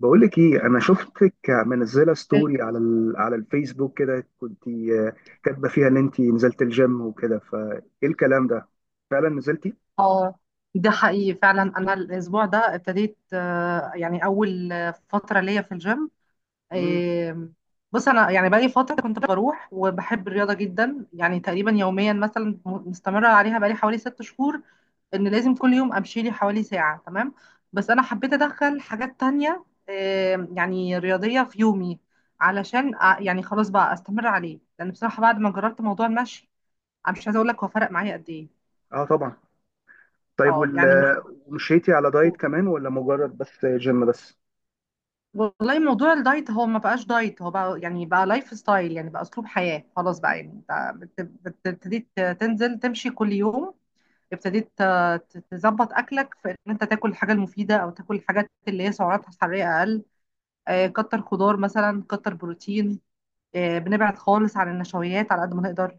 بقول لك ايه، انا شفتك منزله ستوري على الفيسبوك كده، كنت كاتبه فيها ان انت نزلت الجيم وكده. فايه الكلام ده؟ فعلا نزلتي؟ اه ده حقيقي فعلا، انا الاسبوع ده ابتديت، يعني اول فتره ليا في الجيم. امم. آم، بص انا يعني بقالي فتره كنت بروح وبحب الرياضه جدا، يعني تقريبا يوميا مثلا مستمره عليها بقالي حوالي 6 شهور، ان لازم كل يوم امشي لي حوالي ساعه. تمام، بس انا حبيت ادخل حاجات تانية، يعني رياضيه في يومي، علشان يعني خلاص بقى استمر عليه، لان بصراحه بعد ما جربت موضوع المشي، انا مش عايزه اقول لك هو فرق معايا قد ايه. اه، طبعا. طيب اه يعني ومشيتي على دايت مش، كمان ولا مجرد بس جيم بس؟ والله موضوع الدايت هو ما بقاش دايت، هو بقى يعني بقى لايف ستايل، يعني بقى اسلوب حياة، خلاص بقى. يعني انت ابتديت تنزل تمشي كل يوم، ابتديت تظبط اكلك، في ان انت تاكل الحاجة المفيدة او تاكل الحاجات اللي هي سعراتها الحرارية اقل، كتر خضار مثلا، كتر بروتين، بنبعد خالص عن النشويات على قد ما نقدر،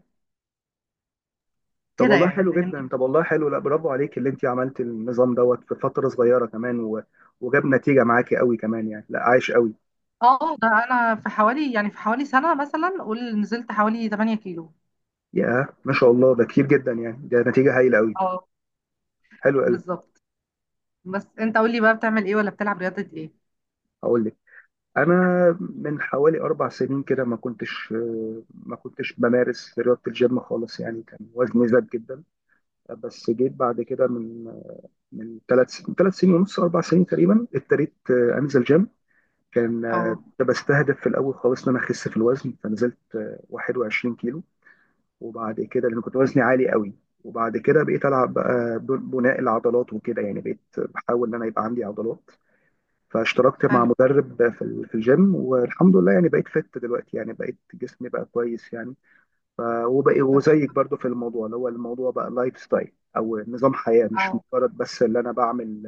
طب كده والله يعني، حلو فاهمني. جدا، طب والله حلو لا برافو عليك اللي انت عملت النظام دوت في فتره صغيره كمان وجاب نتيجه معاكي قوي كمان، يعني لا، عايش قوي. اه ده انا في حوالي، يعني في حوالي سنة مثلا قول، نزلت حوالي 8 كيلو. يا ما شاء الله، ده كتير جدا يعني، ده نتيجه هايله قوي. اه حلو قوي. بالظبط. بس انت قول لي بقى، بتعمل ايه ولا بتلعب رياضة ايه؟ هقول لك. انا من حوالي 4 سنين كده ما كنتش بمارس رياضه الجيم خالص، يعني كان وزني زاد جدا. بس جيت بعد كده، من ثلاث سنين ونص، 4 سنين تقريبا، ابتديت انزل جيم. كان اه. كنت بستهدف في الاول خالص ان انا اخس في الوزن، فنزلت 21 كيلو وبعد كده، لان كنت وزني عالي قوي. وبعد كده بقيت العب بقى بناء العضلات وكده، يعني بقيت بحاول ان انا يبقى عندي عضلات. فاشتركت مع حلو. مدرب في الجيم، والحمد لله يعني بقيت فت دلوقتي، يعني بقيت جسمي بقى كويس يعني. وبقى طب. وزيك برضو في الموضوع، اللي هو الموضوع بقى لايف ستايل، او نظام حياة، مش اه مجرد بس اللي انا بعمل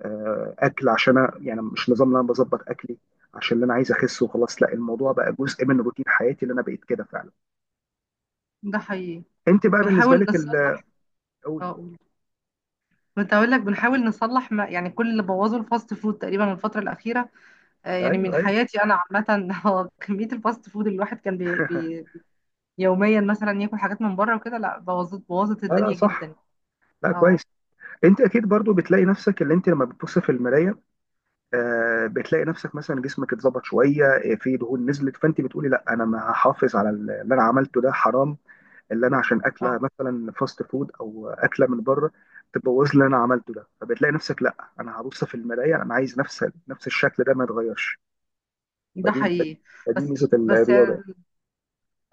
اكل. عشان أنا يعني مش نظام اللي انا بظبط اكلي عشان اللي انا عايز اخس وخلاص، لا، الموضوع بقى جزء من روتين حياتي اللي انا بقيت كده فعلا. ده حقيقي. انت بقى بالنسبة بنحاول لك نصلح. قولي. اه قول. كنت هقول لك بنحاول نصلح ما، يعني كل اللي بوظه الفاست فود تقريبا الفترة الأخيرة، يعني ايوه، من ايوه. حياتي أنا عامة. هو كمية الفاست فود اللي الواحد كان بي يوميا مثلا ياكل حاجات من بره وكده، لا بوظت لا لا، الدنيا صح. جدا. لا، اه. كويس. انت اكيد برضو بتلاقي نفسك، اللي انت لما بتبص في المراية بتلاقي نفسك مثلا جسمك اتظبط شويه، في دهون نزلت، فانت بتقولي لا، انا ما هحافظ على اللي انا عملته، ده حرام اللي انا عشان اه اكله مثلا فاست فود او اكله من بره تبوظ اللي انا عملته ده. فبتلاقي نفسك لا، انا هبص في المرايه، انا عايز نفس الشكل ده ما يتغيرش. ده فدي حقيقي. فدي بس ميزه بس الرياضه يعني.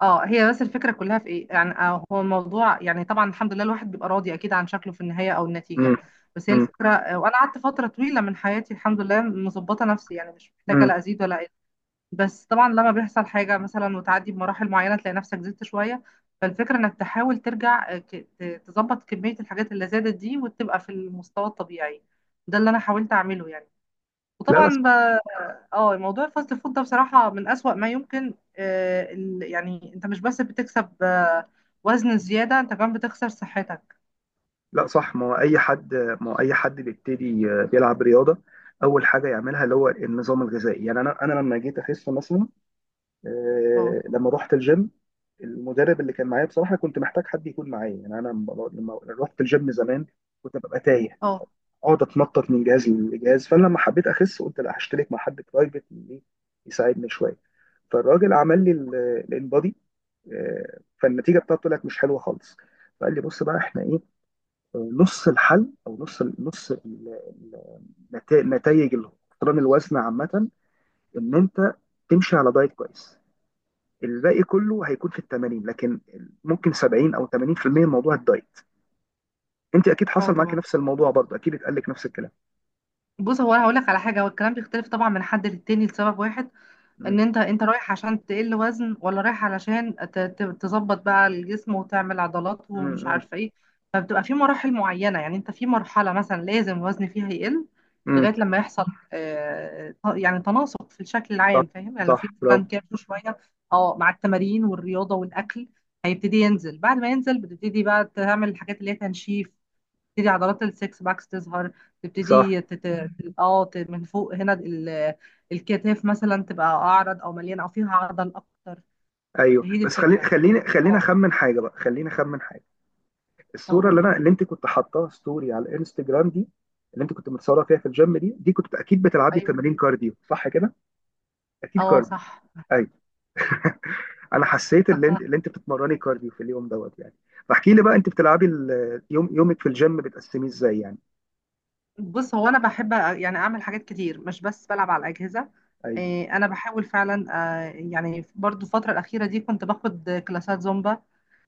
اه هي بس الفكرة كلها في ايه يعني، هو الموضوع، يعني طبعا الحمد لله الواحد بيبقى راضي اكيد عن شكله في النهاية او النتيجة. مم. بس هي مم. الفكرة، وانا قعدت فترة طويلة من حياتي الحمد لله مظبطة نفسي، يعني مش محتاجة مم. لا ازيد ولا اقل. بس طبعا لما بيحصل حاجة مثلا وتعدي بمراحل معينة تلاقي نفسك زدت شوية، فالفكرة انك تحاول ترجع، تظبط كمية الحاجات اللي زادت دي، وتبقى في المستوى الطبيعي. ده اللي انا حاولت اعمله يعني. لا، بس. وطبعا اه، موضوع الفاست فود ده بصراحة من أسوأ ما يمكن، يعني انت مش بس بتكسب، وزن زيادة، انت كمان بتخسر صحتك. لا، صح. ما هو اي حد بيبتدي بيلعب رياضه، اول حاجه يعملها اللي هو النظام الغذائي. يعني انا لما جيت اخس مثلا، اه. لما رحت الجيم، المدرب اللي كان معايا بصراحه كنت محتاج حد يكون معايا. يعني انا لما رحت الجيم زمان كنت ببقى تايه، اه. اقعد اتنطط من جهاز لجهاز، فانا لما حبيت اخس قلت لا، هشترك مع حد برايفت اللي يساعدني شويه. فالراجل عمل لي الانبادي، فالنتيجه بتاعته طلعت مش حلوه خالص. فقال لي بص بقى احنا ايه، نص الحل، او نص نتائج الاقتران الوزن عامه، ان انت تمشي على دايت كويس، الباقي كله هيكون في ال 80، لكن ممكن 70 او 80% من موضوع الدايت. انت اكيد اه حصل معاك طبعا. نفس الموضوع برضه، اكيد اتقال لك نفس الكلام. بص هو انا هقولك على حاجة، هو الكلام بيختلف طبعا من حد للتاني لسبب واحد، ان مم. انت، انت رايح عشان تقل وزن ولا رايح علشان تظبط بقى الجسم وتعمل عضلات ومش مم. عارفه ايه. فبتبقى في مراحل معينه، يعني انت في مرحله مثلا لازم الوزن فيها يقل مم. لغايه لما يحصل، يعني تناسق في الشكل صح. العام، فاهم يعني، لو صح، في مثلا برافو. كيرف شويه. اه، مع التمارين والرياضه والاكل هيبتدي ينزل، بعد ما ينزل بتبتدي بقى تعمل الحاجات اللي هي تنشيف، تبتدي عضلات السكس باكس تظهر. صح. تبتدي تت... مم. اه ت- من فوق هنا، الكتاف مثلا تبقى اعرض، او مليانه، او فيها عضل اكتر. ايوه، هي دي بس خليني الفكره. خليني خليني اه. اخمن حاجه بقى، خليني اخمن حاجه. الصوره اقول. اللي انت كنت حاطاها ستوري على الانستجرام دي، اللي انت كنت متصوره فيها في الجيم دي، كنت اكيد بتلعبي ايوه. تمارين كارديو صح كده؟ اكيد اه كارديو. صح. ايوه. انا حسيت اللي انت بتتمرني كارديو في اليوم دوت يعني. فاحكي لي بقى انت بتلعبي يومك في الجيم بتقسميه ازاي يعني؟ بص هو انا بحب يعني اعمل حاجات كتير، مش بس بلعب على الاجهزه، ايوه. انا بحاول فعلا، يعني برضو الفتره الاخيره دي كنت باخد كلاسات زومبا،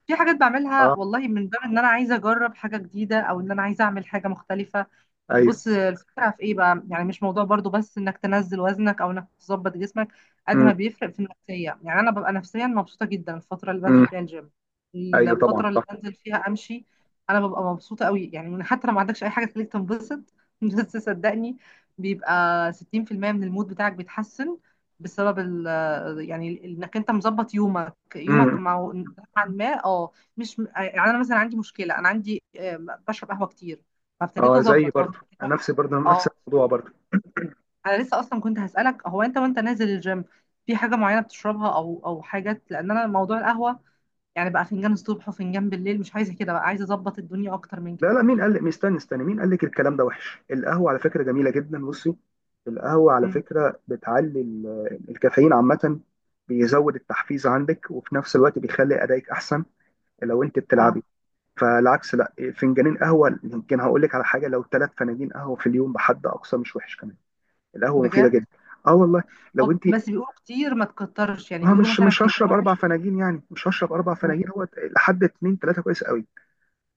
في حاجات بعملها اه، والله من باب ان انا عايزه اجرب حاجه جديده، او ان انا عايزه اعمل حاجه مختلفه. ايوه. بص الفكرة في ايه بقى، يعني مش موضوع برضو بس انك تنزل وزنك او انك تظبط جسمك، قد امم. ما بيفرق في النفسية، يعني انا ببقى نفسيا مبسوطة جدا الفترة اللي بنزل امم. فيها الجيم، ايوه، طبعا، الفترة اللي صح. بنزل فيها امشي، انا ببقى مبسوطة قوي، يعني من حتى لو ما عندكش اي حاجة تخليك تنبسط. بس صدقني، بيبقى 60% من المود بتاعك بيتحسن، بسبب ال، يعني انك انت مظبط يومك امم. يومك مع نوعاً ما، اه. مش يعني، انا مثلا عندي مشكلة، انا عندي، بشرب قهوة كتير، فابتديت اه، زي اظبط، هو برضه في، انا نفسي برضه نفس اه. الموضوع برضه. انا لسه اصلا كنت هسالك، هو انت وانت نازل الجيم في حاجه معينه بتشربها، او حاجات، لان انا موضوع القهوه يعني بقى فنجان الصبح وفنجان بالليل، مش عايزه كده بقى، عايزه اظبط الدنيا اكتر من لا كده. لا، مين قال لك؟ استنى استنى، مين قال لك الكلام ده وحش؟ القهوه على فكره جميله جدا، بصي. القهوه على مم. فكره بتعلي الكافيين عامه، بيزود التحفيز عندك، وفي نفس الوقت بيخلي ادائك احسن لو انت بتلعبي. اه. فالعكس، لا، فنجانين قهوه، يمكن هقول لك على حاجه، لو 3 فناجين قهوه في اليوم بحد اقصى مش وحش كمان. القهوه مفيده بجد. جدا. اه والله. لو انت، بس بيقولوا كتير ما تكترش، يعني ما بيقولوا مش مثلا مش فنجان هشرب واحد. 4 فناجين يعني، مش هشرب 4 فناجين. مم. هو لحد اتنين تلاته كويس قوي،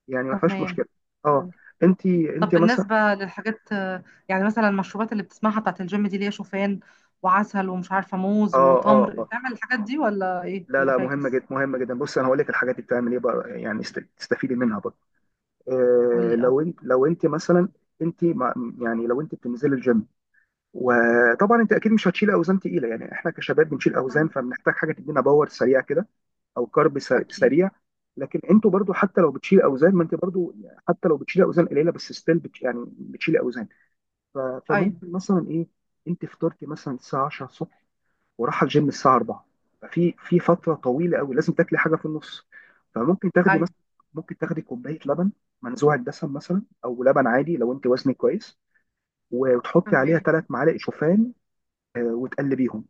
يعني ما فيهاش تمام. مشكله. اه. تمام. انت طب انت مثلا. بالنسبه للحاجات، يعني مثلا المشروبات اللي بتسمعها بتاعت الجيم دي، اللي هي شوفان وعسل ومش عارفه اه، موز اه، وتمر، اه. بتعمل الحاجات دي ولا ايه لا ولا لا، مهمه فاكس؟ جدا، مهمه جدا. بص انا هقول لك الحاجات اللي بتعمل ايه بقى يعني، تستفيدي منها برضه. قول آه، لي. لو انت مثلا، انت يعني لو انت بتنزلي الجيم، وطبعا انت اكيد مش هتشيل اوزان تقيله، يعني احنا كشباب بنشيل آه. اوزان فبنحتاج حاجه تدينا باور سريع كده، او كارب اكيد. سريع. لكن انتوا برضو، حتى لو بتشيل اوزان، ما انت برضو حتى لو بتشيل اوزان قليله بس ستيل بت يعني بتشيل اوزان. ف- ايوه. فممكن مثلا ايه، انت فطرتي مثلا الساعه 10 الصبح، وراح الجيم الساعه 4، ففي فتره طويله قوي لازم تاكلي حاجه في النص. فممكن تاخدي ايوه. مثلا، ممكن تاخدي كوبايه لبن منزوع الدسم مثلا، او لبن عادي لو انت وزنك كويس، وتحطي عليها تمام. 3 معالق شوفان وتقلبيهم.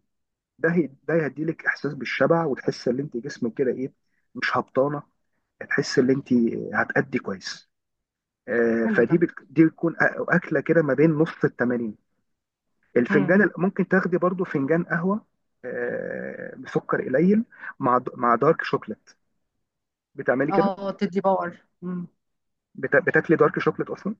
ده هيديلك احساس بالشبع، وتحس ان انت جسمك كده ايه، مش هبطانه، هتحس ان انت هتأدي كويس. آه، حلو ده. فدي دي بتكون اكله كده ما بين نص التمانين. امم. الفنجان ممكن تاخدي برضو فنجان قهوه بسكر قليل، مع دارك شوكليت، بتعملي كده. اه تدي باور. امم. بتاكلي دارك شوكليت اصلا؟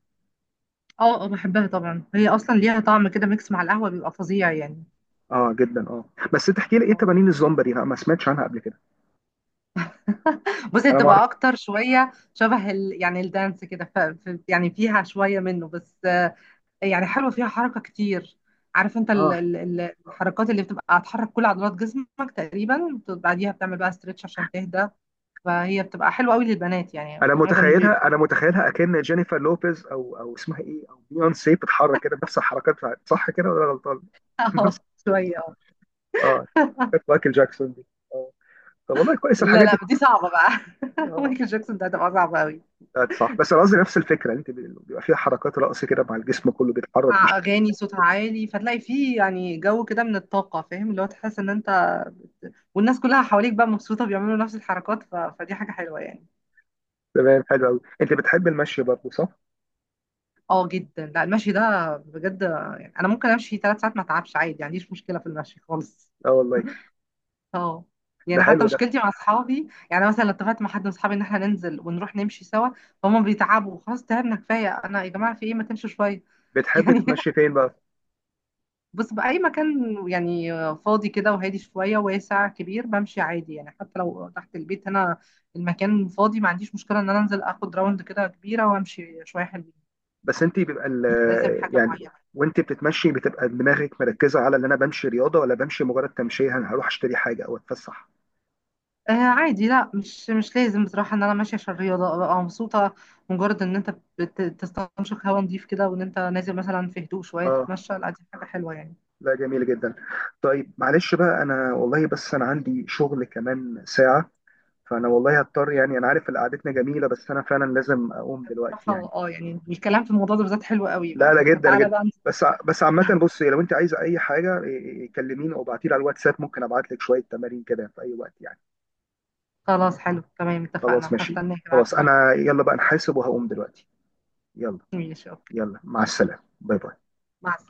اه، اه، بحبها طبعا، هي اصلا ليها طعم كده ميكس مع القهوه بيبقى فظيع يعني. اه جدا، اه. بس تحكي لي ايه آه. تمارين الزومبا دي؟ انا ما سمعتش عنها قبل كده. بصي، انا ما اعرف. بتبقى اكتر شويه شبه يعني الدانس كده، يعني فيها شويه منه، بس يعني حلوه فيها حركه كتير. عارف انت اه. الحركات اللي بتبقى هتحرك كل عضلات جسمك تقريبا، بعديها بتعمل بقى ستريتش عشان تهدى، فهي بتبقى حلوه قوي للبنات، يعني معظم اللي بيبقى. انا متخيلها اكن جينيفر لوبيز، او اسمها ايه، او بيونسي، بتتحرك كده نفس الحركات بتاعت، صح كده ولا أنا غلطان؟ نفس، اه شويه. اه. كانت مايكل جاكسون دي. اه. طب والله كويس لا، الحاجات لا، دي. دي صعبة بقى. اه، مايكل جاكسون ده هتبقى صعبة قوي. آه، صح. بس انا قصدي نفس الفكره، انت بيبقى فيها حركات رقص كده، مع الجسم كله بيتحرك مع بشكل. أغاني صوتها عالي، فتلاقي فيه يعني جو كده من الطاقة، فاهم، اللي هو تحس إن أنت والناس كلها حواليك بقى مبسوطة بيعملوا نفس الحركات، فدي حاجة حلوة يعني. تمام، حلو قوي. انت بتحب المشي برضه صح؟ اه جدا، لا المشي ده بجد، يعني أنا ممكن أمشي 3 ساعات ما أتعبش عادي، ما عنديش مشكلة في المشي خالص. اه والله. اه. ده يعني حتى حلو ده. مشكلتي مع اصحابي، يعني مثلا لو اتفقت مع حد من اصحابي ان احنا ننزل ونروح نمشي سوا، فهم بيتعبوا، خلاص تعبنا كفايه، انا يا جماعه في ايه ما تمشوا شويه. بتحب يعني تتمشي فين بقى؟ بص، بأي مكان يعني، فاضي كده وهادي شوية واسع كبير، بمشي عادي، يعني حتى لو تحت البيت هنا المكان فاضي، ما عنديش مشكلة إن أنا أنزل آخد راوند كده كبيرة وأمشي شوية حلوين. بس انت بيبقى مش لازم حاجة يعني، معينة. وانت بتتمشي بتبقى دماغك مركزه على ان انا بمشي رياضه، ولا بمشي مجرد تمشيه، انا هروح اشتري حاجه او اتفسح؟ آه. عادي، لا، مش مش لازم بصراحة إن أنا ماشية عشان الرياضة أبقى مبسوطة، مجرد إن أنت بتستنشق هوا نضيف كده، وإن أنت نازل مثلا في هدوء شوية اه. تتمشى، لا دي حاجة حلوة يعني. لا، جميل جدا. طيب معلش بقى، انا والله بس انا عندي شغل كمان ساعة، فانا والله هضطر، يعني انا عارف ان قعدتنا جميلة، بس انا فعلا لازم اقوم دلوقتي يعني. بصراحة اه، يعني الكلام في الموضوع ده بالذات حلو قوي لا بقى، لا، جدا فتعالى جدا. بقى. بس عامة، بص لو انت عايزة اي حاجة، إيه، إيه، كلميني او ابعتيلي على الواتساب، ممكن ابعت لك شوية تمارين كده في اي وقت يعني. خلاص، حلو، تمام، خلاص، اتفقنا، ماشي. هستناك خلاص، ابعتلي. انا يلا بقى نحاسب وهقوم دلوقتي. يلا. ماشي اوكي. يلا، مع السلامة. باي باي. مع